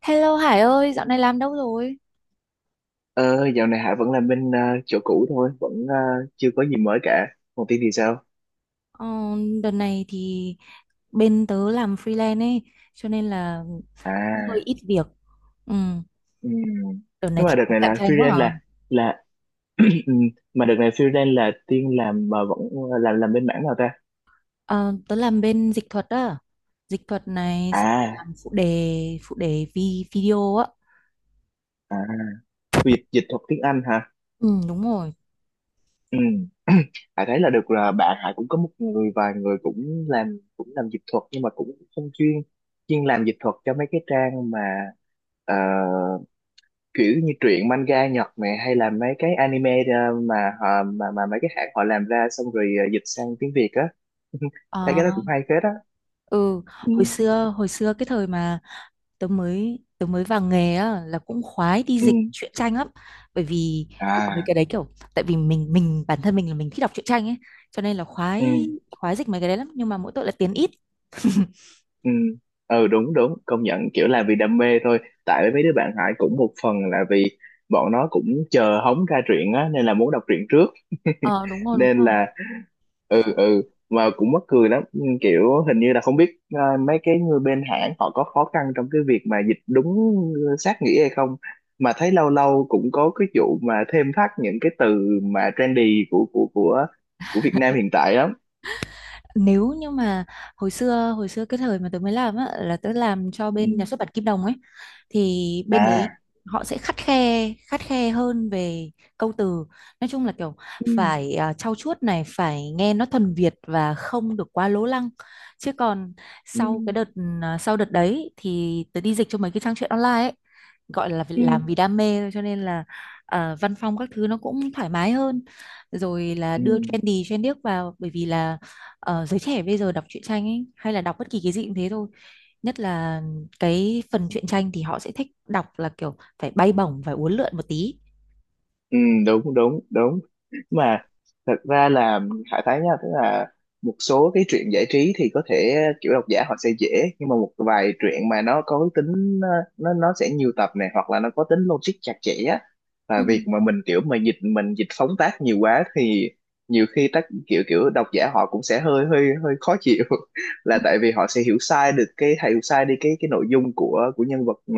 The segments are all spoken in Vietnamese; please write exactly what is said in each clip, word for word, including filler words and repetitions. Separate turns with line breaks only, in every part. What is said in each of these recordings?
Hello Hải ơi, dạo này làm đâu rồi?
Ờ, Dạo này Hạ vẫn làm bên ờ, chỗ cũ thôi, vẫn ờ, chưa có gì mới cả. Còn Tiên thì sao?
Ờ, Đợt này thì bên tớ làm freelance ấy, cho nên là cũng hơi
À,
ít việc. Ừ,
ừm.
đợt này
Nhưng mà
thì
đợt này
cạnh
là
tranh quá
freelance
à.
là là ừm, mà đợt này freelance là Tiên làm mà vẫn ờ, làm làm bên mảng nào ta?
Ờ, Tớ làm bên dịch thuật á, dịch thuật này xong rồi
À,
làm phụ đề, phụ đề vi video á.
à, dịch dịch thuật tiếng Anh hả?
Ừ, đúng rồi.
Ừ. Hạ thấy là được là bạn Hạ cũng có một người, vài người cũng làm, cũng làm dịch thuật nhưng mà cũng không chuyên chuyên làm dịch thuật cho mấy cái trang mà ờ, kiểu như truyện manga Nhật này, hay là mấy cái anime, ờ, mà họ, mà mà mấy cái hãng họ làm ra xong rồi ờ, dịch sang tiếng Việt á.
Ờ,
Thấy cái đó cũng hay phết á.
ừ. hồi
Ừ,
xưa, hồi xưa cái thời mà tớ mới tớ mới vào nghề á là cũng khoái đi
ừ.
dịch truyện tranh lắm, bởi vì dịch mấy
À,
cái đấy kiểu tại vì mình mình bản thân mình là mình thích đọc truyện tranh ấy, cho nên là
ừ,
khoái khoái dịch mấy cái đấy lắm, nhưng mà mỗi tội là tiền ít.
ừ, ừ. Đúng, đúng, công nhận, kiểu là vì đam mê thôi. Tại mấy đứa bạn Hải cũng một phần là vì bọn nó cũng chờ hóng ra truyện á, nên là muốn đọc truyện trước.
Ờ, đúng rồi, đúng
Nên
rồi.
là ừ, ừ. Mà cũng mắc cười lắm. Ừ, kiểu hình như là không biết ờ, mấy cái người bên hãng họ có khó khăn trong cái việc mà dịch đúng sát nghĩa hay không, mà thấy lâu lâu cũng có cái vụ mà thêm thắt những cái từ mà trendy của của của của Việt Nam hiện tại lắm.
Nếu như mà hồi xưa hồi xưa cái thời mà tớ mới làm á là tớ làm cho bên nhà
Ừ.
xuất bản Kim Đồng ấy, thì bên đấy
À.
họ sẽ khắt khe khắt khe hơn về câu từ. Nói chung là kiểu
Ừ.
phải à, trau chuốt này, phải nghe nó thuần Việt và không được quá lố lăng. Chứ còn
Ừ.
sau cái đợt à, sau đợt đấy thì tớ đi dịch cho mấy cái trang truyện online ấy, gọi là vì-
Ừ.
làm vì đam mê thôi, cho nên là à, văn phong các thứ nó cũng thoải mái hơn, rồi là
Ừ.
đưa trendy trên điếc vào. Bởi vì là ờ, giới trẻ bây giờ đọc truyện tranh ấy, hay là đọc bất kỳ cái gì cũng thế thôi, nhất là cái phần truyện tranh thì họ sẽ thích đọc là kiểu phải bay bổng, phải uốn lượn một tí.
Ừ, đúng, đúng, đúng. Mà thật ra là Hải thấy nha, tức là một số cái truyện giải trí thì có thể kiểu độc giả họ sẽ dễ, nhưng mà một vài truyện mà nó có cái tính ờ, nó nó sẽ nhiều tập này, hoặc là nó có tính logic chặt chẽ á, và
Ừ,
việc mà mình kiểu mà dịch, mình dịch phóng tác nhiều quá thì nhiều khi tác kiểu kiểu độc giả họ cũng sẽ hơi hơi hơi khó chịu. Là
ừ.
tại vì họ sẽ hiểu sai được cái, hiểu sai đi cái cái nội dung của của nhân vật, ờ,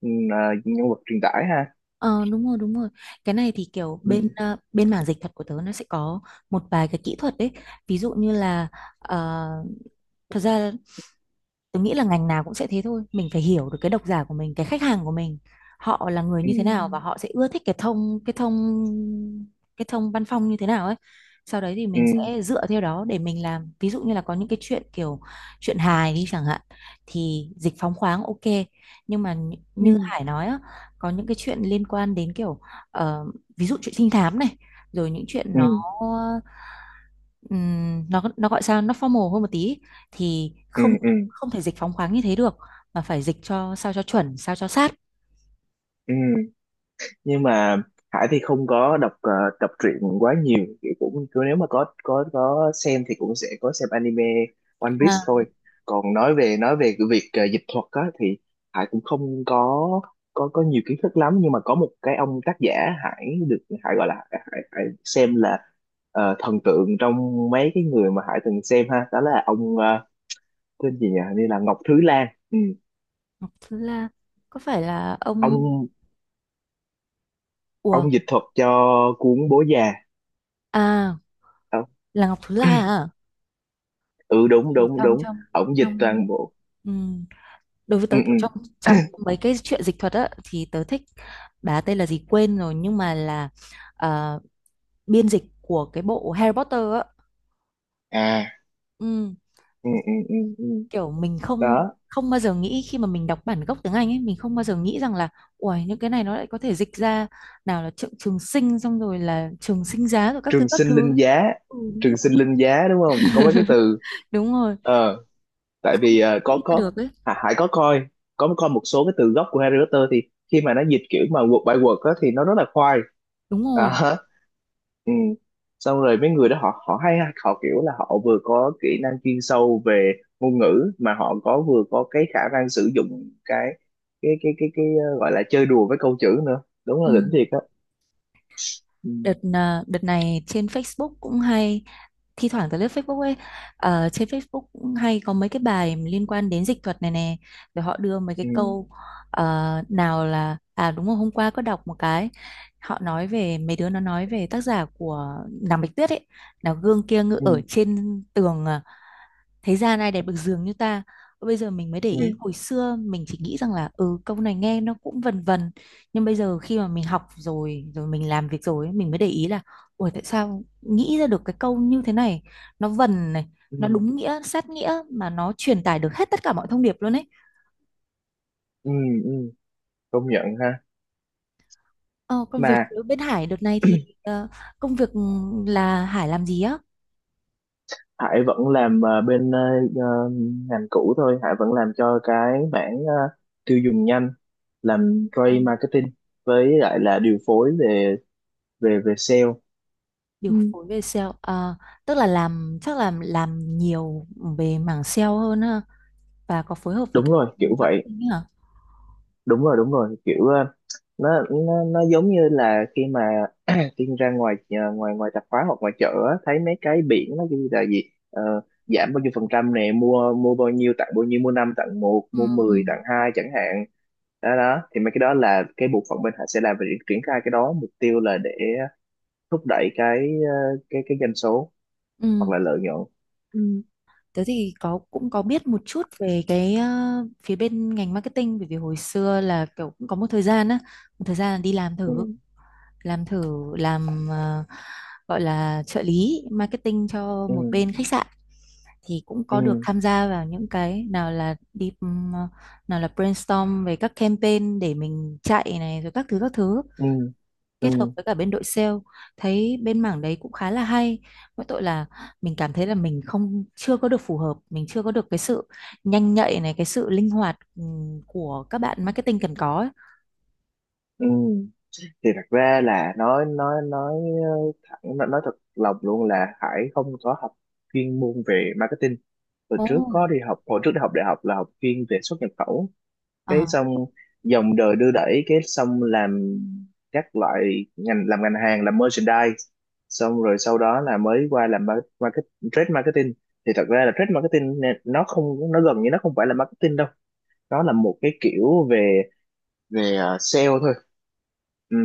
ừ, ờ, nhân vật truyền tải ha.
Ờ, đúng rồi, đúng rồi. Cái này thì kiểu
Ừ.
bên ờ, bên mảng dịch thuật của tớ nó sẽ có một vài cái kỹ thuật đấy. Ví dụ như là ờ, thật ra tôi nghĩ là ngành nào cũng sẽ thế thôi, mình phải hiểu được cái độc giả của mình, cái khách hàng của mình, họ là người
Ừ.
như thế nào và họ sẽ ưa thích cái thông cái thông cái thông văn phong như thế nào ấy. Sau đấy thì
Ừ.
mình sẽ dựa theo đó để mình làm. Ví dụ như là có những cái chuyện kiểu chuyện hài đi chẳng hạn thì dịch phóng khoáng ok, nhưng mà nh-
Ừ.
như Hải nói á, có những cái chuyện liên quan đến kiểu ờ, ví dụ chuyện trinh thám này, rồi những chuyện
Ừ,
nó ừm, nó nó gọi sao, nó formal hơn một tí thì
ừ,
không
ừ,
không thể dịch phóng khoáng như thế được, mà phải dịch cho sao cho chuẩn sao cho sát.
ừ. Nhưng mà Hải thì không có đọc ờ, đọc truyện quá nhiều, thì cũng cứ nếu mà có có có xem thì cũng sẽ có xem anime One Piece
À,
thôi. Còn nói về nói về cái việc ờ, dịch thuật á thì Hải cũng không có có có nhiều kiến thức lắm, nhưng mà có một cái ông tác giả Hải được, Hải gọi là, Hải, Hải xem là ờ, thần tượng trong mấy cái người mà Hải từng xem ha, đó là ông ờ, tên gì nhỉ? Hình như là Ngọc Thứ Lan. Ừ.
Thúy La, có phải là ông
ông
ủa
ông dịch thuật cho cuốn Bố Già.
à
Ờ,
là Ngọc Thúy La à?
ừ,
Thế
đúng,
thì
đúng,
trong
đúng.
trong
Ông dịch
trong
toàn bộ.
ừm, đối với
Ừ,
tớ
ừ.
kiểu trong trong mấy cái chuyện dịch thuật á thì tớ thích, bà tên là gì quên rồi nhưng mà là ờ, biên dịch của cái bộ Harry Potter á.
À,
Ừ.
ừ, ừ, ừ, ừ.
Kiểu mình không
Đó,
không bao giờ nghĩ, khi mà mình đọc bản gốc tiếng Anh ấy mình không bao giờ nghĩ rằng là uầy những cái này nó lại có thể dịch ra, nào là trường, trường sinh xong rồi là trường sinh giá rồi các thứ
trường
các
sinh linh
thứ.
giá.
Ừ, đúng
Trường sinh
rồi,
linh giá, đúng không, có mấy cái từ.
đúng rồi.
Ờ, tại
Không
vì ờ, có
nghĩ ra
có
được ấy.
Hà- Hải có coi, có coi một số cái từ gốc của Harry Potter thì khi mà nó dịch kiểu mà word by word á, thì nó rất là khoai.
Đúng rồi.
À. Ừ. Xong rồi mấy người đó, họ họ hay ha, họ kiểu là họ vừa có kỹ năng chuyên sâu về ngôn ngữ, mà họ có, vừa có cái khả năng sử dụng cái cái cái cái cái, ờ, gọi là chơi đùa với câu chữ nữa, đúng
Ừ.
là đỉnh thiệt á. Ừ.
Đợt à, đợt này trên Facebook cũng hay, thi thoảng tới lướt Facebook ấy, ờ, trên Facebook cũng hay có mấy cái bài liên quan đến dịch thuật này nè, rồi họ đưa mấy cái
Ừ,
câu. Ờ, nào là, à đúng rồi, hôm qua có đọc một cái, họ nói về mấy đứa nó nói về tác giả của nàng Bạch Tuyết ấy, là gương kia ngự
ừ,
ở trên tường, à, thế gian ai đẹp được giường như ta. Bây giờ mình mới để
ừ,
ý, hồi xưa mình chỉ nghĩ rằng là ừ câu này nghe nó cũng vần vần, nhưng bây giờ khi mà mình học rồi rồi mình làm việc rồi ấy, mình mới để ý là ủa tại sao nghĩ ra được cái câu như thế này, nó vần này,
ừ,
nó đúng nghĩa sát nghĩa mà nó truyền tải được hết tất cả mọi thông điệp luôn ấy.
ừ, ừ, công nhận ha.
ờ, Còn về
Mà
phía bên Hải đợt này thì ờ, công việc, ừ, là Hải làm gì á?
Hải vẫn làm ờ, bên ờ, ờ, ngành cũ thôi, Hải vẫn làm cho cái mảng ờ, tiêu dùng nhanh, làm trade
Anh
marketing, với lại là điều phối về về về sale.
điều
Ừ,
phối về sale, ờ, tức là làm chắc là làm nhiều về mảng sale hơn ha, và có phối hợp với
đúng
cả
rồi kiểu
bên
vậy.
marketing ấy hả?
Đúng rồi, đúng rồi, kiểu ờ, nó nó nó giống như là khi mà Tiên ra ngoài, ờ, ngoài ngoài tạp hóa hoặc ngoài chợ á, thấy mấy cái biển nó ghi là gì. Ờ, giảm bao nhiêu phần trăm nè, mua mua bao nhiêu tặng bao nhiêu, mua năm tặng một,
Ừ,
mua
ừ.
mười tặng hai chẳng hạn. Đó đó thì mấy cái đó là cái bộ phận bên họ sẽ làm về việc triển khai cái đó, mục tiêu là để thúc đẩy cái, ờ, cái cái doanh số hoặc
Ừ,
là lợi nhuận. Ừ.
tớ thì có cũng có biết một chút về cái ờ, phía bên ngành marketing, bởi vì hồi xưa là kiểu cũng có một thời gian á, một thời gian là đi làm
Ừ,
thử, làm thử làm ờ, gọi là trợ lý marketing cho
ừ,
một bên khách sạn, thì cũng có được
ừ,
tham gia vào những cái nào là đi ừm, ờ, nào là brainstorm về các campaign để mình chạy này rồi các thứ các thứ,
ừ, ừ,
kết hợp với cả bên đội sale. Thấy bên mảng đấy cũng khá là hay, mỗi tội là mình cảm thấy là mình không chưa có được phù hợp, mình chưa có được cái sự nhanh nhạy này, cái sự linh hoạt ừm, của các bạn marketing cần có ấy.
ừ. Thì thật ra là nói nói nói ờ, thẳng, nói, nói thật lòng luôn, là Hải không có học chuyên môn về marketing. Hồi
Ồ.
trước có đi học hồi trước đi học đại học là học chuyên về xuất nhập khẩu,
Ờ,
cái xong dòng đời đưa đẩy, cái xong làm các loại ngành, làm ngành hàng, làm merchandise, xong rồi sau đó là mới qua làm mar- market trade marketing. Thì thật ra là trade marketing nè, nó không nó gần như nó không phải là marketing đâu, nó là một cái kiểu về về ờ, sale thôi. Ừ.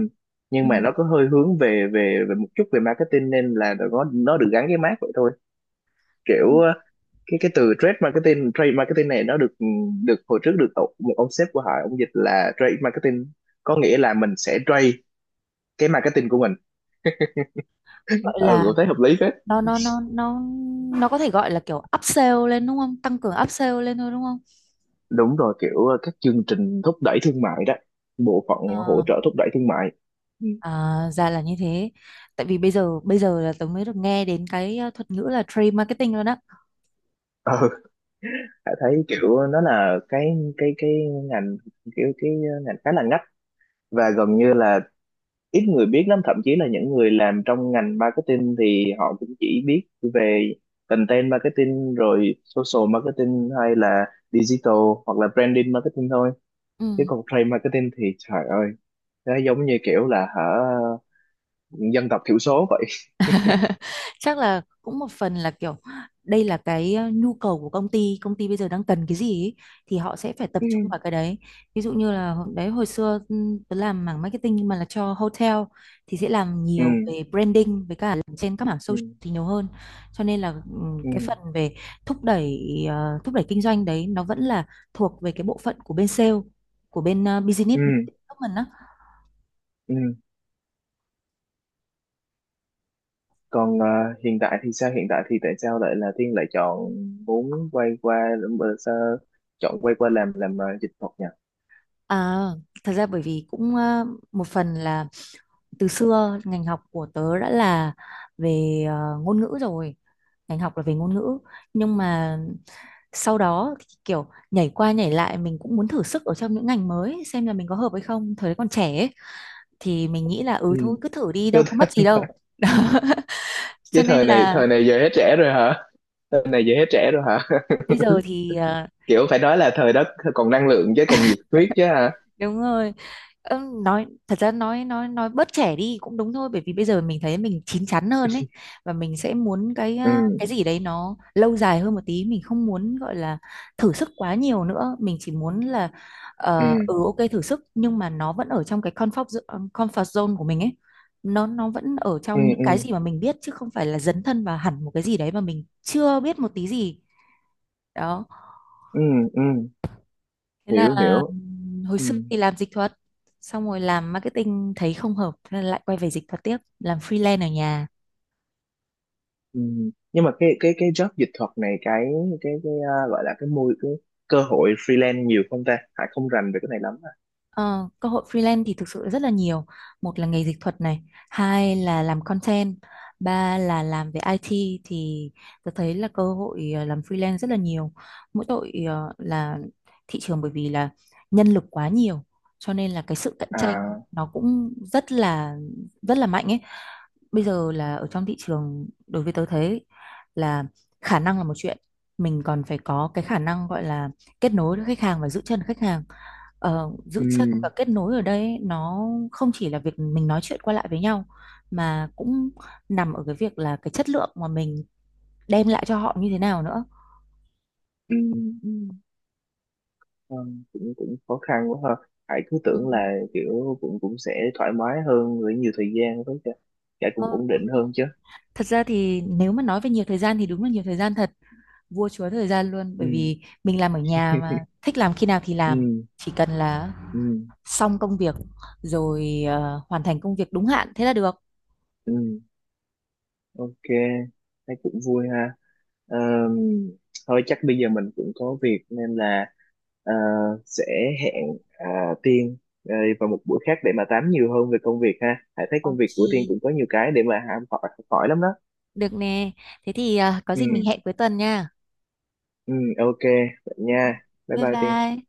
ừ.
Nhưng mà nó có hơi hướng về về về một chút về marketing nên là nó nó được gắn cái mác vậy thôi. Kiểu cái cái từ trade marketing, trade marketing này nó được được hồi trước được tổ- một ông sếp của họ ông dịch là trade marketing, có nghĩa là mình sẽ trade cái marketing của mình.
Gọi
Ừ,
là
cũng thấy hợp lý phết.
nó nó nó nó nó có thể gọi là kiểu upsell lên đúng không, tăng cường upsell lên thôi đúng không?
Đúng rồi, kiểu ờ, các chương trình thúc đẩy thương mại đó, bộ phận hỗ
Ờ,
trợ thúc đẩy thương mại.
à, ra là như thế. Tại vì bây giờ bây giờ là tớ mới được nghe đến cái ờ, thuật ngữ là trade marketing luôn á.
Ừ. Hải thấy kiểu nó là cái cái cái ngành, kiểu cái ngành khá là ngách và gần như là ít người biết lắm, thậm chí là những người làm trong ngành marketing thì họ cũng chỉ biết về content marketing, rồi social marketing, hay là digital, hoặc là branding marketing thôi.
Ừ.
Chứ còn trade marketing thì trời ơi, nó giống như kiểu là hả, dân tộc thiểu số vậy.
Chắc là cũng một phần là kiểu đây là cái ờ, nhu cầu của công ty, công ty bây giờ đang cần cái gì ý, thì họ sẽ phải tập
Ừ,
trung vào cái đấy. Ví dụ như là hồi- đấy hồi xưa ừm, tớ làm mảng marketing nhưng mà là cho hotel, thì sẽ làm nhiều về branding, với cả làm trên các mảng
ừ,
social thì nhiều hơn. Cho nên là ừm, cái
ừ,
phần về thúc đẩy ờ, thúc đẩy kinh doanh đấy nó vẫn là thuộc về cái bộ phận của bên sale, của bên ờ, business
ừ,
development á.
ừ. Còn ờ, hiện tại thì sao, hiện tại thì tại sao lại là Thiên lại chọn muốn quay qua, ờ, sao chọn quay qua làm làm ờ, dịch thuật nhỉ?
À, thật ra bởi vì cũng ờ, một phần là từ xưa ngành học của tớ đã là về ờ, ngôn ngữ rồi, ngành học là về ngôn ngữ. Nhưng mà sau đó thì kiểu nhảy qua nhảy lại, mình cũng muốn thử sức ở trong những ngành mới xem là mình có hợp hay không, thời đấy còn trẻ ấy, thì mình nghĩ là ừ thôi cứ thử đi đâu có
Ừ.
mất gì đâu.
Chứ
Cho nên
thời này
là
thời này giờ hết trẻ rồi hả, thời này giờ hết trẻ rồi hả?
bây giờ thì ờ,
Kiểu phải nói là thời đó còn năng lượng chứ, còn nhiệt huyết chứ hả.
đúng rồi. Ơ, nói thật ra nói nói nói bớt trẻ đi cũng đúng thôi, bởi vì bây giờ mình thấy mình chín chắn hơn ấy, và mình sẽ muốn cái à, cái
Ừ,
gì đấy nó lâu dài hơn một tí, mình không muốn gọi là thử sức quá nhiều nữa, mình chỉ muốn là
ừ,
ờ, ừ ok thử sức, nhưng mà nó vẫn ở trong cái comfort zo- comfort zone của mình ấy, nó nó vẫn ở
ừ,
trong những
ừ,
cái gì mà mình biết chứ không phải là dấn thân vào hẳn một cái gì đấy mà mình chưa biết một tí gì. Đó.
ừ, ừ,
Thế là
hiểu hiểu.
hồi
Ừ,
xưa thì làm dịch thuật, xong rồi làm marketing thấy không hợp, thế là lại quay về dịch thuật tiếp, làm freelance ở nhà.
ừ. Nhưng mà cái cái cái job dịch thuật này, cái cái cái à, gọi là, cái môi cái cơ hội freelance nhiều không ta, Hải không rành về cái này lắm. À.
Ờ, Cơ hội freelance thì thực sự rất là nhiều. Một là nghề dịch thuật này, hai là làm content, ba là làm về i tê thì tôi thấy là cơ hội ờ, làm freelance rất là nhiều. Mỗi tội ờ, là thị trường bởi vì là nhân lực quá nhiều, cho nên là cái sự cạnh tranh
À,
nó cũng rất là rất là mạnh ấy. Bây giờ là ở trong thị trường, đối với tớ thấy là khả năng là một chuyện, mình còn phải có cái khả năng gọi là kết nối với khách hàng và giữ chân khách hàng. Ờ,
ừ,
giữ chân và kết nối ở đây ấy, nó không chỉ là việc mình nói chuyện qua lại với nhau mà cũng nằm ở cái việc là cái chất lượng mà mình đem lại cho họ như thế nào nữa.
ừ, ừ. Ờ, cũng cũng khó khăn quá ha. Hải cứ
Ừ.
tưởng là kiểu cũng cũng sẽ thoải mái hơn với nhiều thời gian, với cả, cả
Ờ,
cũng ổn
đúng
định
rồi.
hơn chứ.
Thật ra thì nếu mà nói về nhiều thời gian thì đúng là nhiều thời gian thật, vua chúa thời gian luôn,
Ừ,
bởi vì mình làm ở nhà mà thích làm khi nào thì làm,
ừ,
chỉ cần là
ừ,
xong công việc rồi, ờ, hoàn thành công việc đúng hạn thế là được.
ừ, ok. Thấy cũng vui ha. Ờm, Thôi chắc bây giờ mình cũng có việc nên là ờ, sẽ hẹn à, Tiên ờ, vào một buổi khác để mà tám nhiều hơn về công việc ha. Hải thấy công việc của Tiên
Ok,
cũng có nhiều cái để mà học hỏi, học hỏi lắm đó.
được nè, thế thì ờ, có gì mình
Ừ,
hẹn cuối tuần nha.
ừ, ok. Vậy nha, bye
Bye
bye Tiên.
bye.